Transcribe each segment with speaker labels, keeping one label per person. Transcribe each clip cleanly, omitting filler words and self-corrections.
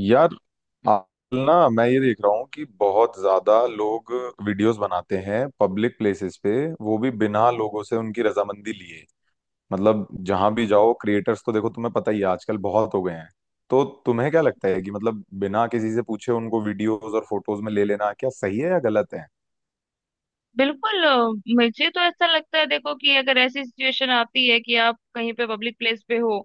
Speaker 1: यार, आजकल ना मैं ये देख रहा हूँ कि बहुत ज्यादा लोग वीडियोस बनाते हैं पब्लिक प्लेसेस पे, वो भी बिना लोगों से उनकी रजामंदी लिए। मतलब जहां भी जाओ क्रिएटर्स तो देखो, तुम्हें पता ही है आजकल बहुत हो गए हैं। तो तुम्हें क्या लगता है कि मतलब बिना किसी से पूछे उनको वीडियोस और फोटोज में ले लेना क्या सही है या गलत है?
Speaker 2: बिल्कुल मुझे तो ऐसा लगता है देखो कि अगर ऐसी सिचुएशन आती है कि आप कहीं पे पब्लिक प्लेस पे हो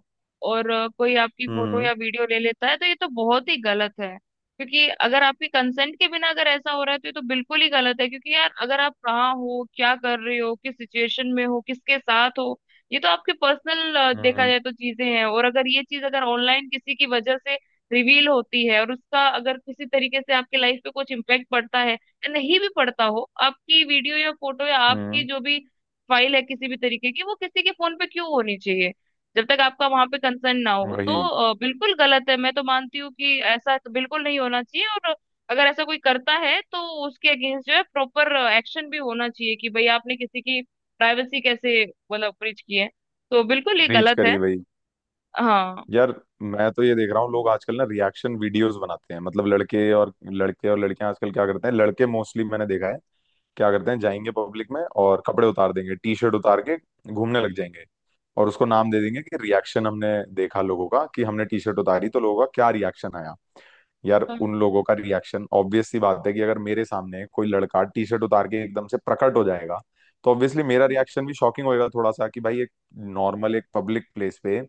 Speaker 2: और कोई आपकी फोटो
Speaker 1: हम्म।
Speaker 2: या वीडियो ले लेता है तो ये तो बहुत ही गलत है। क्योंकि अगर आपकी कंसेंट के बिना अगर ऐसा हो रहा है तो ये तो बिल्कुल ही गलत है क्योंकि यार अगर आप कहाँ हो, क्या कर रहे हो, किस सिचुएशन में हो, किसके साथ हो, ये तो आपके पर्सनल देखा
Speaker 1: हम्म।
Speaker 2: जाए तो चीजें हैं। और अगर ये चीज अगर ऑनलाइन किसी की वजह से रिवील होती है और उसका अगर किसी तरीके से आपके लाइफ पे कुछ इम्पेक्ट पड़ता है, नहीं भी पड़ता हो, आपकी वीडियो या फोटो या आपकी
Speaker 1: हम्म।
Speaker 2: जो भी फाइल है किसी भी तरीके की वो किसी के फोन पे क्यों होनी चाहिए जब तक आपका वहां पे कंसर्न ना हो।
Speaker 1: वही।
Speaker 2: तो बिल्कुल गलत है। मैं तो मानती हूँ कि ऐसा तो बिल्कुल नहीं होना चाहिए। और अगर ऐसा कोई करता है तो उसके अगेंस्ट जो है प्रॉपर एक्शन भी होना चाहिए कि भाई आपने किसी की प्राइवेसी कैसे मतलब ब्रीच की है। तो बिल्कुल ये
Speaker 1: रीच
Speaker 2: गलत है।
Speaker 1: करिए भाई।
Speaker 2: हाँ
Speaker 1: यार, मैं तो ये देख रहा हूँ लोग आजकल ना रिएक्शन वीडियोस बनाते हैं। मतलब लड़के और लड़कियां आजकल क्या करते हैं, लड़के मोस्टली मैंने देखा है क्या करते हैं, जाएंगे पब्लिक में और कपड़े उतार देंगे, टी शर्ट उतार के घूमने लग जाएंगे। और उसको नाम दे देंगे कि रिएक्शन हमने देखा लोगों का कि हमने टी शर्ट उतारी तो लोगों का क्या रिएक्शन आया। यार उन
Speaker 2: हाँ
Speaker 1: लोगों का रिएक्शन ऑब्वियस सी बात है कि अगर मेरे सामने कोई लड़का टी शर्ट उतार के एकदम से प्रकट हो जाएगा तो ऑब्वियसली मेरा रिएक्शन भी शॉकिंग होएगा थोड़ा सा, कि भाई एक नॉर्मल एक पब्लिक प्लेस पे,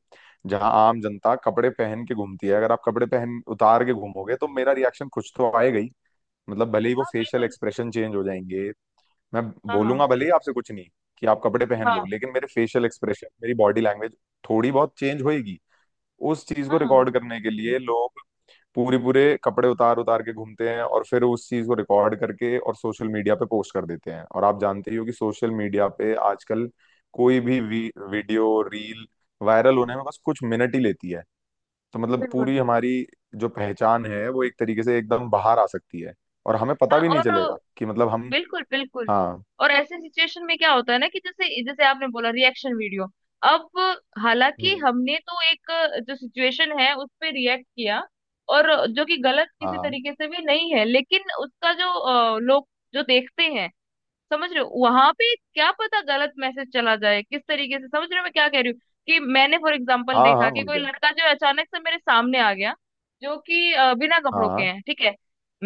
Speaker 1: जहां आम जनता कपड़े पहन के घूमती है, अगर आप कपड़े पहन उतार के घूमोगे तो मेरा रिएक्शन कुछ तो आएगा ही। मतलब भले ही वो
Speaker 2: हाँ
Speaker 1: फेशियल
Speaker 2: बिल्कुल।
Speaker 1: एक्सप्रेशन चेंज हो जाएंगे। मैं
Speaker 2: हाँ हाँ
Speaker 1: बोलूंगा भले ही आपसे कुछ नहीं कि आप कपड़े पहन लो,
Speaker 2: हाँ
Speaker 1: लेकिन मेरे फेशियल एक्सप्रेशन, मेरी बॉडी लैंग्वेज थोड़ी बहुत चेंज होएगी। उस चीज को
Speaker 2: हाँ हाँ
Speaker 1: रिकॉर्ड करने के लिए लोग पूरे पूरे कपड़े उतार उतार के घूमते हैं और फिर उस चीज को रिकॉर्ड करके और सोशल मीडिया पे पोस्ट कर देते हैं। और आप जानते ही हो कि सोशल मीडिया पे आजकल कोई भी वीडियो रील वायरल होने में बस कुछ मिनट ही लेती है। तो मतलब
Speaker 2: बिल्कुल।
Speaker 1: पूरी हमारी जो पहचान है वो एक तरीके से एकदम बाहर आ सकती है, और हमें पता
Speaker 2: हाँ
Speaker 1: भी नहीं
Speaker 2: और
Speaker 1: चलेगा कि मतलब हम।
Speaker 2: बिल्कुल बिल्कुल।
Speaker 1: हाँ।
Speaker 2: और ऐसे सिचुएशन में क्या होता है ना कि जैसे जैसे आपने बोला रिएक्शन वीडियो। अब हालांकि
Speaker 1: हम्म।
Speaker 2: हमने तो एक जो सिचुएशन है उस पे रिएक्ट किया, और जो कि गलत किसी
Speaker 1: हाँ,
Speaker 2: तरीके से भी नहीं है, लेकिन उसका जो लोग जो देखते हैं, समझ रहे हो वहां पे क्या पता गलत मैसेज चला जाए किस तरीके से। समझ रहे हो मैं क्या कह रही हूँ? कि मैंने फॉर एग्जाम्पल
Speaker 1: हाँ, हाँ,
Speaker 2: देखा कि
Speaker 1: और
Speaker 2: कोई
Speaker 1: क्या।
Speaker 2: लड़का जो है, अचानक से मेरे सामने आ गया जो कि बिना कपड़ों के
Speaker 1: हाँ,
Speaker 2: हैं, ठीक है।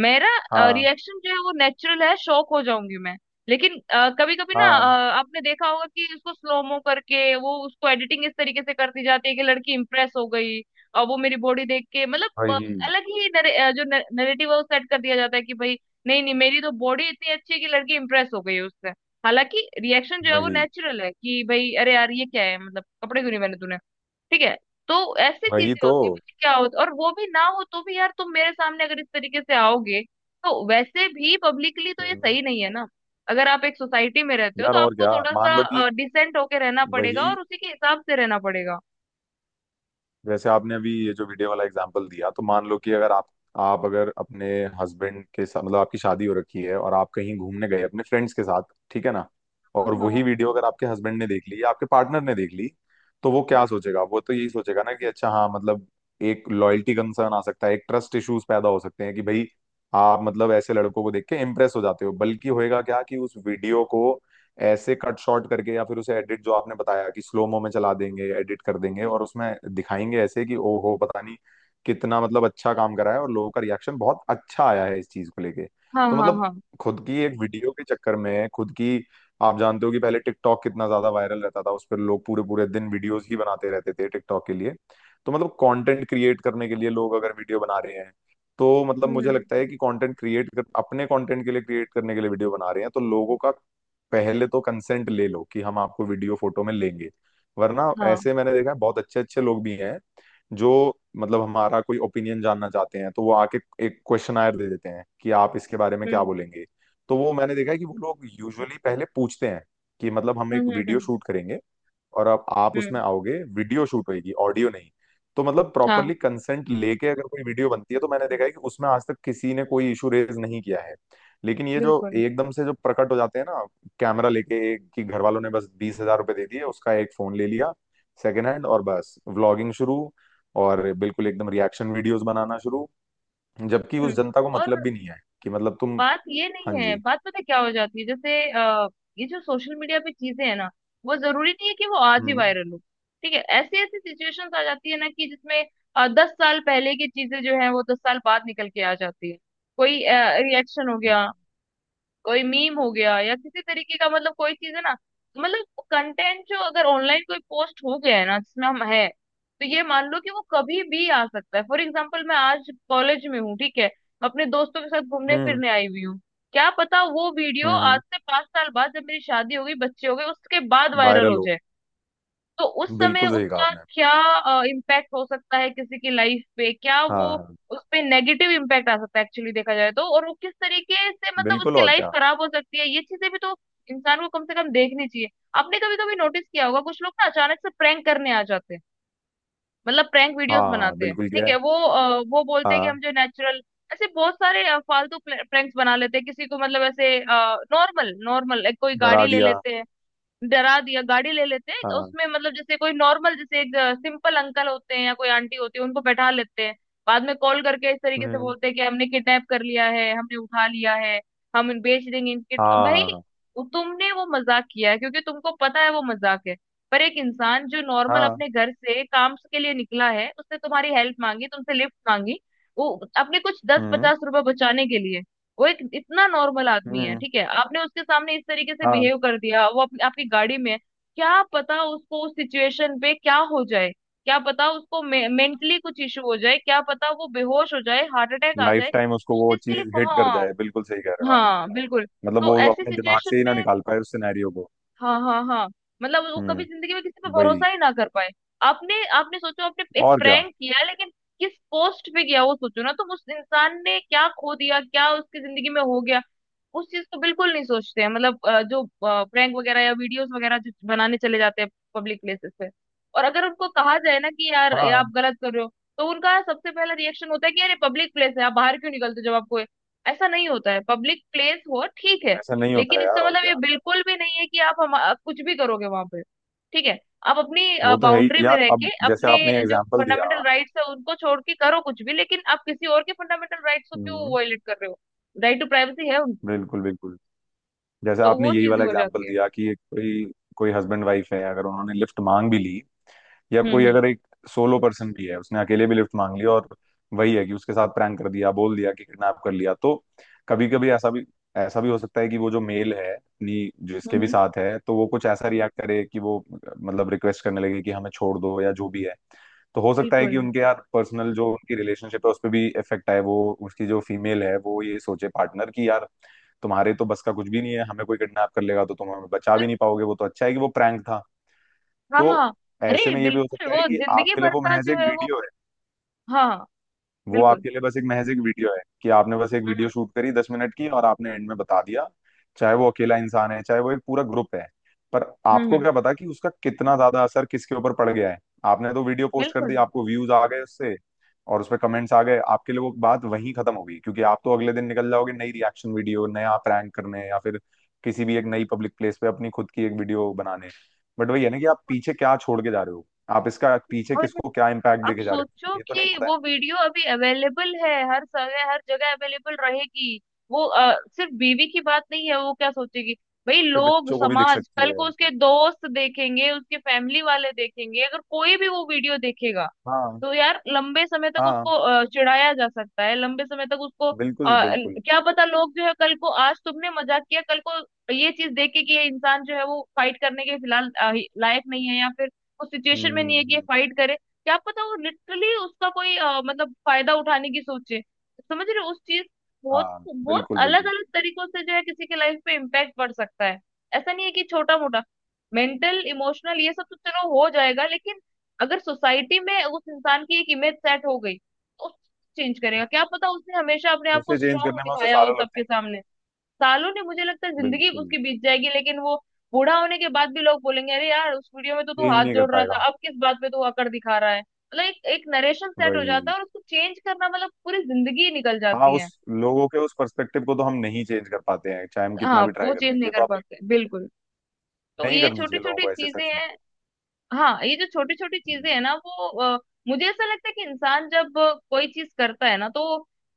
Speaker 2: मेरा
Speaker 1: हाँ,
Speaker 2: रिएक्शन जो है वो नेचुरल है, शॉक हो जाऊंगी मैं। लेकिन कभी कभी ना
Speaker 1: हाँ।
Speaker 2: आपने देखा होगा कि उसको स्लोमो करके वो उसको एडिटिंग इस तरीके से करती जाती है कि लड़की इंप्रेस हो गई, और वो मेरी बॉडी देख के मतलब
Speaker 1: वही।
Speaker 2: अलग ही जो नरेटिव है वो सेट कर दिया जाता है कि भाई नहीं नहीं मेरी तो बॉडी इतनी अच्छी है कि लड़की इंप्रेस हो गई है उससे। हालांकि रिएक्शन जो है वो
Speaker 1: वही।
Speaker 2: नेचुरल है कि भाई अरे यार ये क्या है, मतलब कपड़े क्यों नहीं पहने तूने? ठीक है, तो ऐसी
Speaker 1: वही
Speaker 2: चीजें
Speaker 1: तो।
Speaker 2: होती है। पता है क्या होता, और वो भी ना हो तो भी यार तुम मेरे सामने अगर इस तरीके से आओगे तो वैसे भी पब्लिकली तो ये
Speaker 1: हम्म।
Speaker 2: सही नहीं है ना। अगर आप एक सोसाइटी में रहते हो तो
Speaker 1: यार, और
Speaker 2: आपको
Speaker 1: क्या।
Speaker 2: थोड़ा
Speaker 1: मान लो कि,
Speaker 2: सा डिसेंट होके रहना पड़ेगा
Speaker 1: वही,
Speaker 2: और उसी के हिसाब से रहना पड़ेगा।
Speaker 1: जैसे आपने अभी ये जो वीडियो वाला एग्जांपल दिया, तो मान लो कि अगर आप आप अगर अपने हस्बैंड के साथ, मतलब आपकी शादी हो रखी है, और आप कहीं घूमने गए अपने फ्रेंड्स के साथ, ठीक है ना।
Speaker 2: हाँ
Speaker 1: और वही
Speaker 2: हाँ
Speaker 1: वीडियो अगर आपके हस्बैंड ने देख ली या आपके पार्टनर ने देख ली, तो वो क्या सोचेगा? वो तो यही सोचेगा ना कि अच्छा हाँ मतलब एक लॉयल्टी कंसर्न आ सकता है, एक ट्रस्ट इश्यूज पैदा हो सकते हैं, कि भाई आप मतलब ऐसे लड़कों को देख के इम्प्रेस हो जाते हो। बल्कि होएगा क्या कि उस वीडियो को ऐसे कट शॉर्ट करके या फिर उसे एडिट, जो आपने बताया कि स्लोमो में चला देंगे, एडिट कर देंगे, और उसमें दिखाएंगे ऐसे कि ओहो पता नहीं कितना मतलब अच्छा काम करा है और लोगों का रिएक्शन बहुत अच्छा आया है इस चीज को लेके।
Speaker 2: हाँ
Speaker 1: तो
Speaker 2: हाँ
Speaker 1: मतलब
Speaker 2: हाँ।
Speaker 1: खुद की एक वीडियो के चक्कर में खुद की, आप जानते हो कि पहले टिकटॉक कितना ज्यादा वायरल रहता था, उस पर लोग पूरे पूरे दिन वीडियोस ही बनाते रहते थे टिकटॉक के लिए। तो मतलब कंटेंट क्रिएट करने के लिए लोग अगर वीडियो बना रहे हैं, तो मतलब मुझे
Speaker 2: हम्म।
Speaker 1: लगता है कि कंटेंट क्रिएट कर अपने कंटेंट के लिए क्रिएट करने के लिए वीडियो बना रहे हैं, तो लोगों का पहले तो कंसेंट ले लो कि हम आपको वीडियो फोटो में लेंगे। वरना
Speaker 2: हाँ।
Speaker 1: ऐसे मैंने देखा है बहुत अच्छे अच्छे लोग भी हैं जो मतलब हमारा कोई ओपिनियन जानना चाहते हैं, तो वो आके एक क्वेश्चनायर दे देते हैं कि आप इसके बारे में क्या
Speaker 2: हम्म
Speaker 1: बोलेंगे। तो वो मैंने देखा है कि वो लोग यूजुअली पहले पूछते हैं कि मतलब हम
Speaker 2: हम्म
Speaker 1: एक
Speaker 2: हम्म
Speaker 1: वीडियो
Speaker 2: हम्म,
Speaker 1: शूट करेंगे, और अब आप
Speaker 2: हम्म,
Speaker 1: उसमें आओगे, वीडियो शूट होगी, ऑडियो नहीं। तो मतलब
Speaker 2: हाँ
Speaker 1: प्रॉपरली कंसेंट लेके अगर कोई वीडियो बनती है तो मैंने देखा है कि उसमें आज तक किसी ने कोई इशू रेज नहीं किया है। लेकिन ये जो
Speaker 2: बिल्कुल।
Speaker 1: एकदम से जो प्रकट हो जाते हैं ना कैमरा लेके, एक कि घर वालों ने बस 20,000 रुपये दे दिए, उसका एक फोन ले लिया सेकेंड हैंड, और बस व्लॉगिंग शुरू, और बिल्कुल एकदम रिएक्शन वीडियोस बनाना शुरू। जबकि उस
Speaker 2: हम्म।
Speaker 1: जनता को
Speaker 2: और
Speaker 1: मतलब भी नहीं है कि मतलब तुम।
Speaker 2: बात ये नहीं
Speaker 1: हाँ
Speaker 2: है,
Speaker 1: जी।
Speaker 2: बात पता है क्या हो जाती है जैसे ये जो सोशल मीडिया पे चीजें है ना वो जरूरी नहीं है कि वो आज ही
Speaker 1: हम्म।
Speaker 2: वायरल हो। ठीक है, ऐसी ऐसी सिचुएशंस आ जाती है ना कि जिसमें 10 साल पहले की चीजें जो है वो 10 साल बाद निकल के आ जाती है। कोई रिएक्शन हो गया, कोई मीम हो गया या किसी तरीके का मतलब कोई चीज है ना, मतलब कंटेंट जो अगर ऑनलाइन कोई पोस्ट हो गया है ना जिसमें हम है तो ये मान लो कि वो कभी भी आ सकता है। फॉर एग्जाम्पल मैं आज कॉलेज में हूँ ठीक है, अपने दोस्तों के साथ घूमने
Speaker 1: हम्म।
Speaker 2: फिरने आई हुई हूँ। क्या पता वो वीडियो आज
Speaker 1: हम्म।
Speaker 2: से 5 साल बाद जब मेरी शादी होगी, बच्चे हो गए उसके बाद वायरल
Speaker 1: वायरल
Speaker 2: हो
Speaker 1: हो।
Speaker 2: जाए। तो उस समय
Speaker 1: बिल्कुल सही कहा
Speaker 2: उसका
Speaker 1: आपने।
Speaker 2: क्या इम्पैक्ट हो सकता है किसी की लाइफ पे? क्या वो
Speaker 1: हाँ, हाँ।
Speaker 2: उस पे नेगेटिव इम्पैक्ट आ सकता है एक्चुअली देखा जाए तो, और वो किस तरीके से मतलब
Speaker 1: बिल्कुल,
Speaker 2: उसकी
Speaker 1: और
Speaker 2: लाइफ
Speaker 1: क्या।
Speaker 2: खराब हो सकती है, ये चीजें भी तो इंसान को कम से कम देखनी चाहिए। आपने कभी कभी नोटिस किया होगा कुछ लोग ना अचानक से प्रैंक करने आ जाते हैं, मतलब प्रैंक वीडियोस
Speaker 1: हाँ
Speaker 2: बनाते हैं।
Speaker 1: बिल्कुल किया
Speaker 2: ठीक
Speaker 1: है।
Speaker 2: है, वो बोलते हैं कि
Speaker 1: हाँ।
Speaker 2: हम जो नेचुरल। ऐसे बहुत सारे फालतू प्रैंक्स बना लेते हैं किसी को, मतलब ऐसे नॉर्मल नॉर्मल कोई
Speaker 1: डरा
Speaker 2: गाड़ी ले
Speaker 1: दिया।
Speaker 2: लेते हैं। डरा दिया, गाड़ी ले लेते हैं
Speaker 1: हाँ।
Speaker 2: उसमें, मतलब जैसे कोई नॉर्मल, जैसे एक सिंपल अंकल होते हैं या कोई आंटी होती है उनको बैठा लेते हैं। बाद में कॉल करके इस तरीके से
Speaker 1: हम्म।
Speaker 2: बोलते हैं कि हमने किडनैप कर लिया है, हमने उठा लिया है, हम बेच देंगे इनके
Speaker 1: हाँ,
Speaker 2: भाई।
Speaker 1: हाँ, हाँ,
Speaker 2: तुमने वो मजाक किया है क्योंकि तुमको पता है वो मजाक है। पर एक इंसान जो नॉर्मल
Speaker 1: हाँ,
Speaker 2: अपने घर से काम के लिए निकला है, उसने तुम्हारी हेल्प मांगी, तुमसे लिफ्ट मांगी, वो अपने कुछ दस
Speaker 1: हम्म,
Speaker 2: पचास रुपए बचाने के लिए, वो एक इतना नॉर्मल आदमी है
Speaker 1: हम्म।
Speaker 2: ठीक है, आपने उसके सामने इस तरीके से
Speaker 1: हाँ।
Speaker 2: बिहेव कर दिया। वो अपनी आपकी गाड़ी में है, क्या पता उसको उस सिचुएशन पे क्या हो जाए? क्या पता उसको मेंटली कुछ इशू हो जाए, क्या पता वो बेहोश हो जाए, हार्ट अटैक आ
Speaker 1: लाइफ
Speaker 2: जाए
Speaker 1: टाइम उसको वो
Speaker 2: जिसके लिए।
Speaker 1: चीज हिट कर
Speaker 2: हाँ,
Speaker 1: जाए, बिल्कुल सही कह रहे हो आप।
Speaker 2: हाँ बिल्कुल।
Speaker 1: मतलब
Speaker 2: तो
Speaker 1: वो
Speaker 2: ऐसी
Speaker 1: अपने दिमाग
Speaker 2: सिचुएशन
Speaker 1: से ही ना
Speaker 2: में
Speaker 1: निकाल पाए उस सिनेरियो को।
Speaker 2: हाँ हाँ हाँ मतलब वो कभी
Speaker 1: हम्म।
Speaker 2: जिंदगी में किसी पे
Speaker 1: वही,
Speaker 2: भरोसा ही ना कर पाए। आपने आपने सोचो, आपने एक
Speaker 1: और क्या।
Speaker 2: प्रैंक किया लेकिन किस पोस्ट पे किया वो सोचो ना। तुम उस इंसान ने क्या खो दिया, क्या उसकी जिंदगी में हो गया, उस चीज को बिल्कुल नहीं सोचते हैं, मतलब जो प्रैंक वगैरह या वीडियोस वगैरह जो बनाने चले जाते हैं पब्लिक प्लेसेस पे। और अगर उनको कहा जाए ना कि यार ये आप
Speaker 1: हाँ।
Speaker 2: गलत कर रहे हो, तो उनका सबसे पहला रिएक्शन होता है कि यार ये पब्लिक प्लेस है, आप बाहर क्यों निकलते हो जब आपको ये-" ऐसा नहीं होता है। पब्लिक प्लेस हो ठीक है,
Speaker 1: ऐसा नहीं होता
Speaker 2: लेकिन
Speaker 1: है यार,
Speaker 2: इसका
Speaker 1: और
Speaker 2: मतलब ये
Speaker 1: क्या।
Speaker 2: बिल्कुल भी नहीं है कि आप कुछ भी करोगे वहां पे। ठीक है, आप अपनी
Speaker 1: वो तो है ही
Speaker 2: बाउंड्री में
Speaker 1: यार,
Speaker 2: रह के
Speaker 1: अब जैसे
Speaker 2: अपने
Speaker 1: आपने
Speaker 2: जो
Speaker 1: एग्जाम्पल दिया।
Speaker 2: फंडामेंटल राइट्स है उनको छोड़ के करो कुछ भी, लेकिन आप किसी और के फंडामेंटल राइट्स को क्यों
Speaker 1: हम्म।
Speaker 2: वायलेट कर रहे हो? राइट टू प्राइवेसी है उनको।
Speaker 1: बिल्कुल, बिल्कुल। जैसे
Speaker 2: तो
Speaker 1: आपने
Speaker 2: वो
Speaker 1: यही
Speaker 2: चीजें
Speaker 1: वाला
Speaker 2: हो
Speaker 1: एग्जाम्पल
Speaker 2: जाती है।
Speaker 1: दिया कि कोई, कोई हस्बैंड वाइफ है, अगर उन्होंने लिफ्ट मांग भी ली, या
Speaker 2: हम्म
Speaker 1: कोई
Speaker 2: हम्म
Speaker 1: अगर एक सोलो पर्सन भी है, उसने अकेले भी लिफ्ट मांग लिया, और वही है कि उसके साथ प्रैंक कर दिया, बोल दिया कि किडनैप कर लिया, तो कभी कभी ऐसा भी हो सकता है कि वो जो मेल है अपनी जो
Speaker 2: हम्म,
Speaker 1: इसके भी
Speaker 2: हम्म,
Speaker 1: साथ है, तो वो कुछ ऐसा रिएक्ट करे कि वो मतलब रिक्वेस्ट करने लगे कि हमें छोड़ दो या जो भी है। तो हो सकता है कि
Speaker 2: बिल्कुल।
Speaker 1: उनके यार पर्सनल जो उनकी रिलेशनशिप है उस पर भी इफेक्ट आए, वो उसकी जो फीमेल है वो ये सोचे पार्टनर कि यार तुम्हारे तो बस का कुछ भी नहीं है, हमें कोई किडनैप कर लेगा तो तुम हमें बचा भी
Speaker 2: पर-
Speaker 1: नहीं पाओगे, वो तो अच्छा है कि वो प्रैंक था।
Speaker 2: हाँ
Speaker 1: तो
Speaker 2: हाँ,
Speaker 1: ऐसे
Speaker 2: अरे
Speaker 1: में ये भी हो
Speaker 2: बिल्कुल
Speaker 1: सकता है
Speaker 2: वो
Speaker 1: कि
Speaker 2: जिंदगी
Speaker 1: आपके लिए
Speaker 2: भर
Speaker 1: वो
Speaker 2: का
Speaker 1: महज
Speaker 2: जो
Speaker 1: एक
Speaker 2: है वो,
Speaker 1: वीडियो है।
Speaker 2: हाँ
Speaker 1: वो
Speaker 2: बिल्कुल।
Speaker 1: आपके लिए बस एक महज एक वीडियो है कि आपने बस एक वीडियो
Speaker 2: हम्म
Speaker 1: शूट करी 10 मिनट की और आपने एंड में बता दिया, चाहे वो अकेला इंसान है चाहे वो एक पूरा ग्रुप है। पर
Speaker 2: हम्म
Speaker 1: आपको
Speaker 2: हम्म,
Speaker 1: क्या पता कि उसका कितना ज्यादा असर किसके ऊपर पड़ गया है। आपने तो वीडियो पोस्ट कर दी,
Speaker 2: बिल्कुल।
Speaker 1: आपको व्यूज आ गए उससे, और उस पर कमेंट्स आ गए, आपके लिए वो बात वहीं खत्म हो गई, क्योंकि आप तो अगले दिन निकल जाओगे नई रिएक्शन वीडियो, नया प्रैंक करने, या फिर किसी भी एक नई पब्लिक प्लेस पे अपनी खुद की एक वीडियो बनाने। बट वही है ना कि आप पीछे क्या छोड़ के जा रहे हो, आप इसका पीछे
Speaker 2: और
Speaker 1: किसको क्या इम्पैक्ट
Speaker 2: अब
Speaker 1: देके जा रहे हो,
Speaker 2: सोचो
Speaker 1: ये तो नहीं
Speaker 2: कि
Speaker 1: पता है।
Speaker 2: वो वीडियो अभी अवेलेबल है, हर समय हर जगह अवेलेबल रहेगी। सिर्फ बीवी की बात नहीं है, वो क्या सोचेगी, भाई
Speaker 1: के
Speaker 2: लोग
Speaker 1: बच्चों को भी दिख
Speaker 2: समाज
Speaker 1: सकती
Speaker 2: कल
Speaker 1: है।
Speaker 2: को उसके दोस्त देखेंगे, उसके फैमिली वाले देखेंगे अगर कोई भी वो वीडियो देखेगा
Speaker 1: हाँ।
Speaker 2: तो यार लंबे समय तक उसको
Speaker 1: हाँ
Speaker 2: चिढ़ाया जा सकता है, लंबे समय तक उसको
Speaker 1: बिल्कुल, बिल्कुल।
Speaker 2: क्या पता लोग जो है कल को, आज तुमने मजाक किया, कल को ये चीज देख के कि ये इंसान जो है वो फाइट करने के फिलहाल लायक नहीं है या फिर उस
Speaker 1: हम्म,
Speaker 2: सिचुएशन में नहीं है कि ये
Speaker 1: हम्म।
Speaker 2: फाइट करे, क्या पता वो लिटरली उसका कोई मतलब फायदा उठाने की सोचे। समझ रहे हो? उस चीज, बहुत
Speaker 1: हाँ
Speaker 2: बहुत
Speaker 1: बिल्कुल,
Speaker 2: अलग
Speaker 1: बिल्कुल।
Speaker 2: अलग तरीकों से जो है किसी के लाइफ पे इम्पैक्ट पड़ सकता है। ऐसा नहीं है कि छोटा मोटा मेंटल इमोशनल ये सब तो चलो हो जाएगा, लेकिन अगर सोसाइटी में उस इंसान की एक इमेज सेट हो गई तो चेंज करेगा। क्या पता उसने हमेशा अपने आप को
Speaker 1: उसे चेंज
Speaker 2: स्ट्रांग
Speaker 1: करने में उसे
Speaker 2: दिखाया हो
Speaker 1: सालों लग
Speaker 2: सबके
Speaker 1: जाएंगे।
Speaker 2: सामने, सालों ने मुझे लगता है जिंदगी
Speaker 1: बिल्कुल।
Speaker 2: उसकी बीत जाएगी लेकिन वो बूढ़ा होने के बाद भी लोग बोलेंगे अरे यार उस वीडियो में तो तू
Speaker 1: चेंज
Speaker 2: हाथ
Speaker 1: नहीं कर
Speaker 2: जोड़ रहा
Speaker 1: पाएगा।
Speaker 2: था, अब किस बात पे तू अकड़ दिखा रहा है। मतलब एक एक नरेशन सेट हो जाता
Speaker 1: वही।
Speaker 2: है और उसको चेंज करना मतलब पूरी जिंदगी निकल
Speaker 1: हाँ,
Speaker 2: जाती
Speaker 1: उस
Speaker 2: है।
Speaker 1: लोगों के उस पर्सपेक्टिव को तो हम नहीं चेंज कर पाते हैं चाहे हम कितना
Speaker 2: हाँ
Speaker 1: भी ट्राई
Speaker 2: वो
Speaker 1: कर
Speaker 2: चेंज
Speaker 1: लें,
Speaker 2: नहीं
Speaker 1: ये तो
Speaker 2: कर
Speaker 1: आप
Speaker 2: पाते
Speaker 1: बिल्कुल सही
Speaker 2: बिल्कुल। तो
Speaker 1: नहीं
Speaker 2: ये
Speaker 1: करनी
Speaker 2: छोटी
Speaker 1: चाहिए लोगों
Speaker 2: छोटी
Speaker 1: को ऐसे
Speaker 2: चीजें
Speaker 1: सच में।
Speaker 2: हैं। हाँ ये जो छोटी छोटी
Speaker 1: हम्म।
Speaker 2: चीजें है ना वो अ, मुझे ऐसा लगता है कि इंसान जब कोई चीज करता है ना तो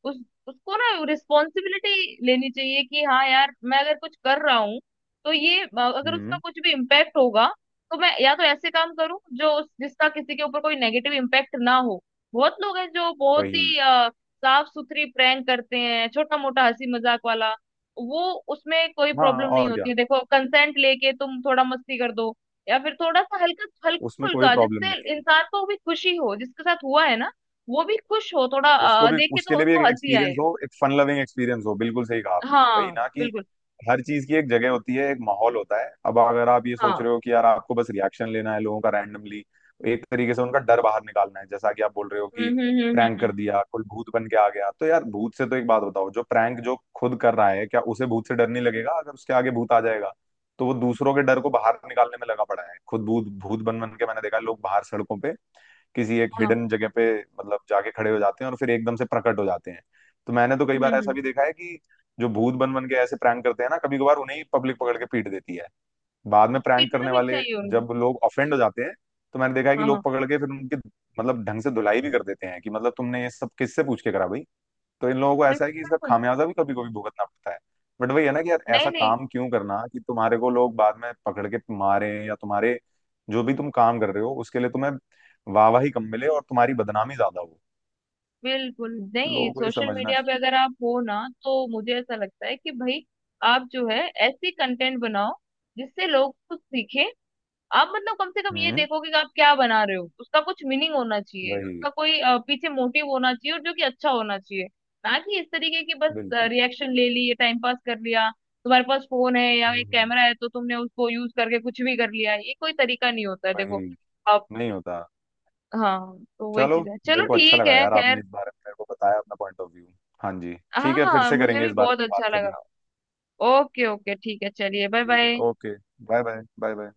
Speaker 2: उस उसको ना रिस्पॉन्सिबिलिटी लेनी चाहिए कि हाँ यार मैं अगर कुछ कर रहा हूँ तो ये अगर उसका
Speaker 1: हम्म।
Speaker 2: कुछ भी इम्पैक्ट होगा तो मैं या तो ऐसे काम करूँ जो उस जिसका किसी के ऊपर कोई नेगेटिव इम्पैक्ट ना हो। बहुत लोग हैं जो बहुत
Speaker 1: वही।
Speaker 2: ही साफ सुथरी प्रैंक करते हैं, छोटा मोटा हंसी मजाक वाला, वो उसमें कोई
Speaker 1: हाँ
Speaker 2: प्रॉब्लम नहीं
Speaker 1: और क्या।
Speaker 2: होती है। देखो कंसेंट लेके तुम थोड़ा मस्ती कर दो, या फिर थोड़ा सा हल्का हल्का
Speaker 1: उसमें कोई
Speaker 2: फुल्का
Speaker 1: प्रॉब्लम
Speaker 2: जिससे
Speaker 1: नहीं है।
Speaker 2: इंसान को भी खुशी हो जिसके साथ हुआ है ना, वो भी खुश हो, थोड़ा
Speaker 1: उसको भी,
Speaker 2: देखे
Speaker 1: उसके
Speaker 2: तो
Speaker 1: लिए भी
Speaker 2: उसको
Speaker 1: एक
Speaker 2: हंसी आए।
Speaker 1: एक्सपीरियंस हो, एक फन लविंग एक्सपीरियंस हो, बिल्कुल सही कहा आपने, वही
Speaker 2: हाँ
Speaker 1: ना कि
Speaker 2: बिल्कुल।
Speaker 1: हर चीज की एक जगह होती है, एक माहौल होता है। अब अगर आप ये सोच
Speaker 2: हाँ
Speaker 1: रहे हो कि यार आपको बस रिएक्शन लेना है लोगों का रैंडमली, एक तरीके से उनका डर बाहर निकालना है, जैसा कि आप बोल रहे हो कि
Speaker 2: हम्म हम्म हम्म हम्म
Speaker 1: प्रैंक कर
Speaker 2: हम्म,
Speaker 1: दिया, कोई भूत बन के आ गया, तो यार भूत से तो एक बात बताओ, जो प्रैंक जो खुद कर रहा है क्या उसे भूत से डर नहीं लगेगा अगर उसके आगे भूत आ जाएगा? तो वो दूसरों के डर को बाहर निकालने में लगा पड़ा है, खुद भूत भूत बन बन के। मैंने देखा लोग बाहर सड़कों पे किसी एक
Speaker 2: हाँ
Speaker 1: हिडन जगह पे मतलब जाके खड़े हो जाते हैं और फिर एकदम से प्रकट हो जाते हैं। तो मैंने तो कई
Speaker 2: हम्म
Speaker 1: बार
Speaker 2: हम्म
Speaker 1: ऐसा
Speaker 2: हम्म।
Speaker 1: भी देखा है कि जो भूत बन बन के ऐसे प्रैंक करते हैं ना, कभी कभार उन्हें ही पब्लिक पकड़ के पीट देती है बाद में, प्रैंक
Speaker 2: पीटना
Speaker 1: करने
Speaker 2: भी
Speaker 1: वाले।
Speaker 2: चाहिए उनको।
Speaker 1: जब लोग ऑफेंड हो जाते हैं तो मैंने देखा है कि
Speaker 2: हाँ
Speaker 1: लोग
Speaker 2: हाँ
Speaker 1: पकड़ के फिर उनकी मतलब ढंग से धुलाई भी कर देते हैं, कि मतलब तुमने ये सब किससे पूछ के करा भाई। तो इन लोगों को ऐसा
Speaker 2: बिल्कुल
Speaker 1: है कि इसका
Speaker 2: बिल्कुल।
Speaker 1: खामियाजा भी कभी कभी भुगतना पड़ता है। बट वही है ना कि यार
Speaker 2: नहीं
Speaker 1: ऐसा
Speaker 2: नहीं,
Speaker 1: काम क्यों करना कि तुम्हारे को लोग बाद में पकड़ के मारे, या तुम्हारे जो भी तुम काम कर रहे हो उसके लिए तुम्हें वाहवाही कम मिले और तुम्हारी बदनामी ज्यादा हो।
Speaker 2: बिल्कुल नहीं।
Speaker 1: लोगों को ये
Speaker 2: सोशल
Speaker 1: समझना
Speaker 2: मीडिया पे
Speaker 1: चाहिए।
Speaker 2: अगर आप हो ना तो मुझे ऐसा लगता है कि भाई आप जो है ऐसी कंटेंट बनाओ जिससे लोग कुछ सीखें। आप मतलब कम से कम ये
Speaker 1: हम्म।
Speaker 2: देखो कि आप क्या बना रहे हो, उसका कुछ मीनिंग होना चाहिए,
Speaker 1: वही।
Speaker 2: उसका कोई पीछे मोटिव होना चाहिए और जो कि अच्छा होना चाहिए। ना कि इस तरीके की बस
Speaker 1: बिल्कुल।
Speaker 2: रिएक्शन ले ली, टाइम पास कर लिया, तुम्हारे पास फोन है या एक
Speaker 1: हम्म।
Speaker 2: कैमरा है तो तुमने उसको यूज करके कुछ भी कर लिया, ये कोई तरीका नहीं होता है। देखो
Speaker 1: वही।
Speaker 2: आप,
Speaker 1: नहीं होता।
Speaker 2: हाँ तो वही
Speaker 1: चलो।
Speaker 2: चीज है, चलो
Speaker 1: मेरे को अच्छा
Speaker 2: ठीक
Speaker 1: लगा
Speaker 2: है
Speaker 1: यार
Speaker 2: खैर।
Speaker 1: आपने इस बारे में मेरे को बताया अपना पॉइंट ऑफ व्यू। हाँ जी
Speaker 2: हाँ
Speaker 1: ठीक है, फिर
Speaker 2: हाँ
Speaker 1: से
Speaker 2: मुझे
Speaker 1: करेंगे
Speaker 2: भी
Speaker 1: इस बारे
Speaker 2: बहुत
Speaker 1: में बात
Speaker 2: अच्छा
Speaker 1: कभी।
Speaker 2: लगा। ओके ओके ठीक है, चलिए बाय
Speaker 1: ठीक है,
Speaker 2: bye.
Speaker 1: Okay. Bye bye, bye bye.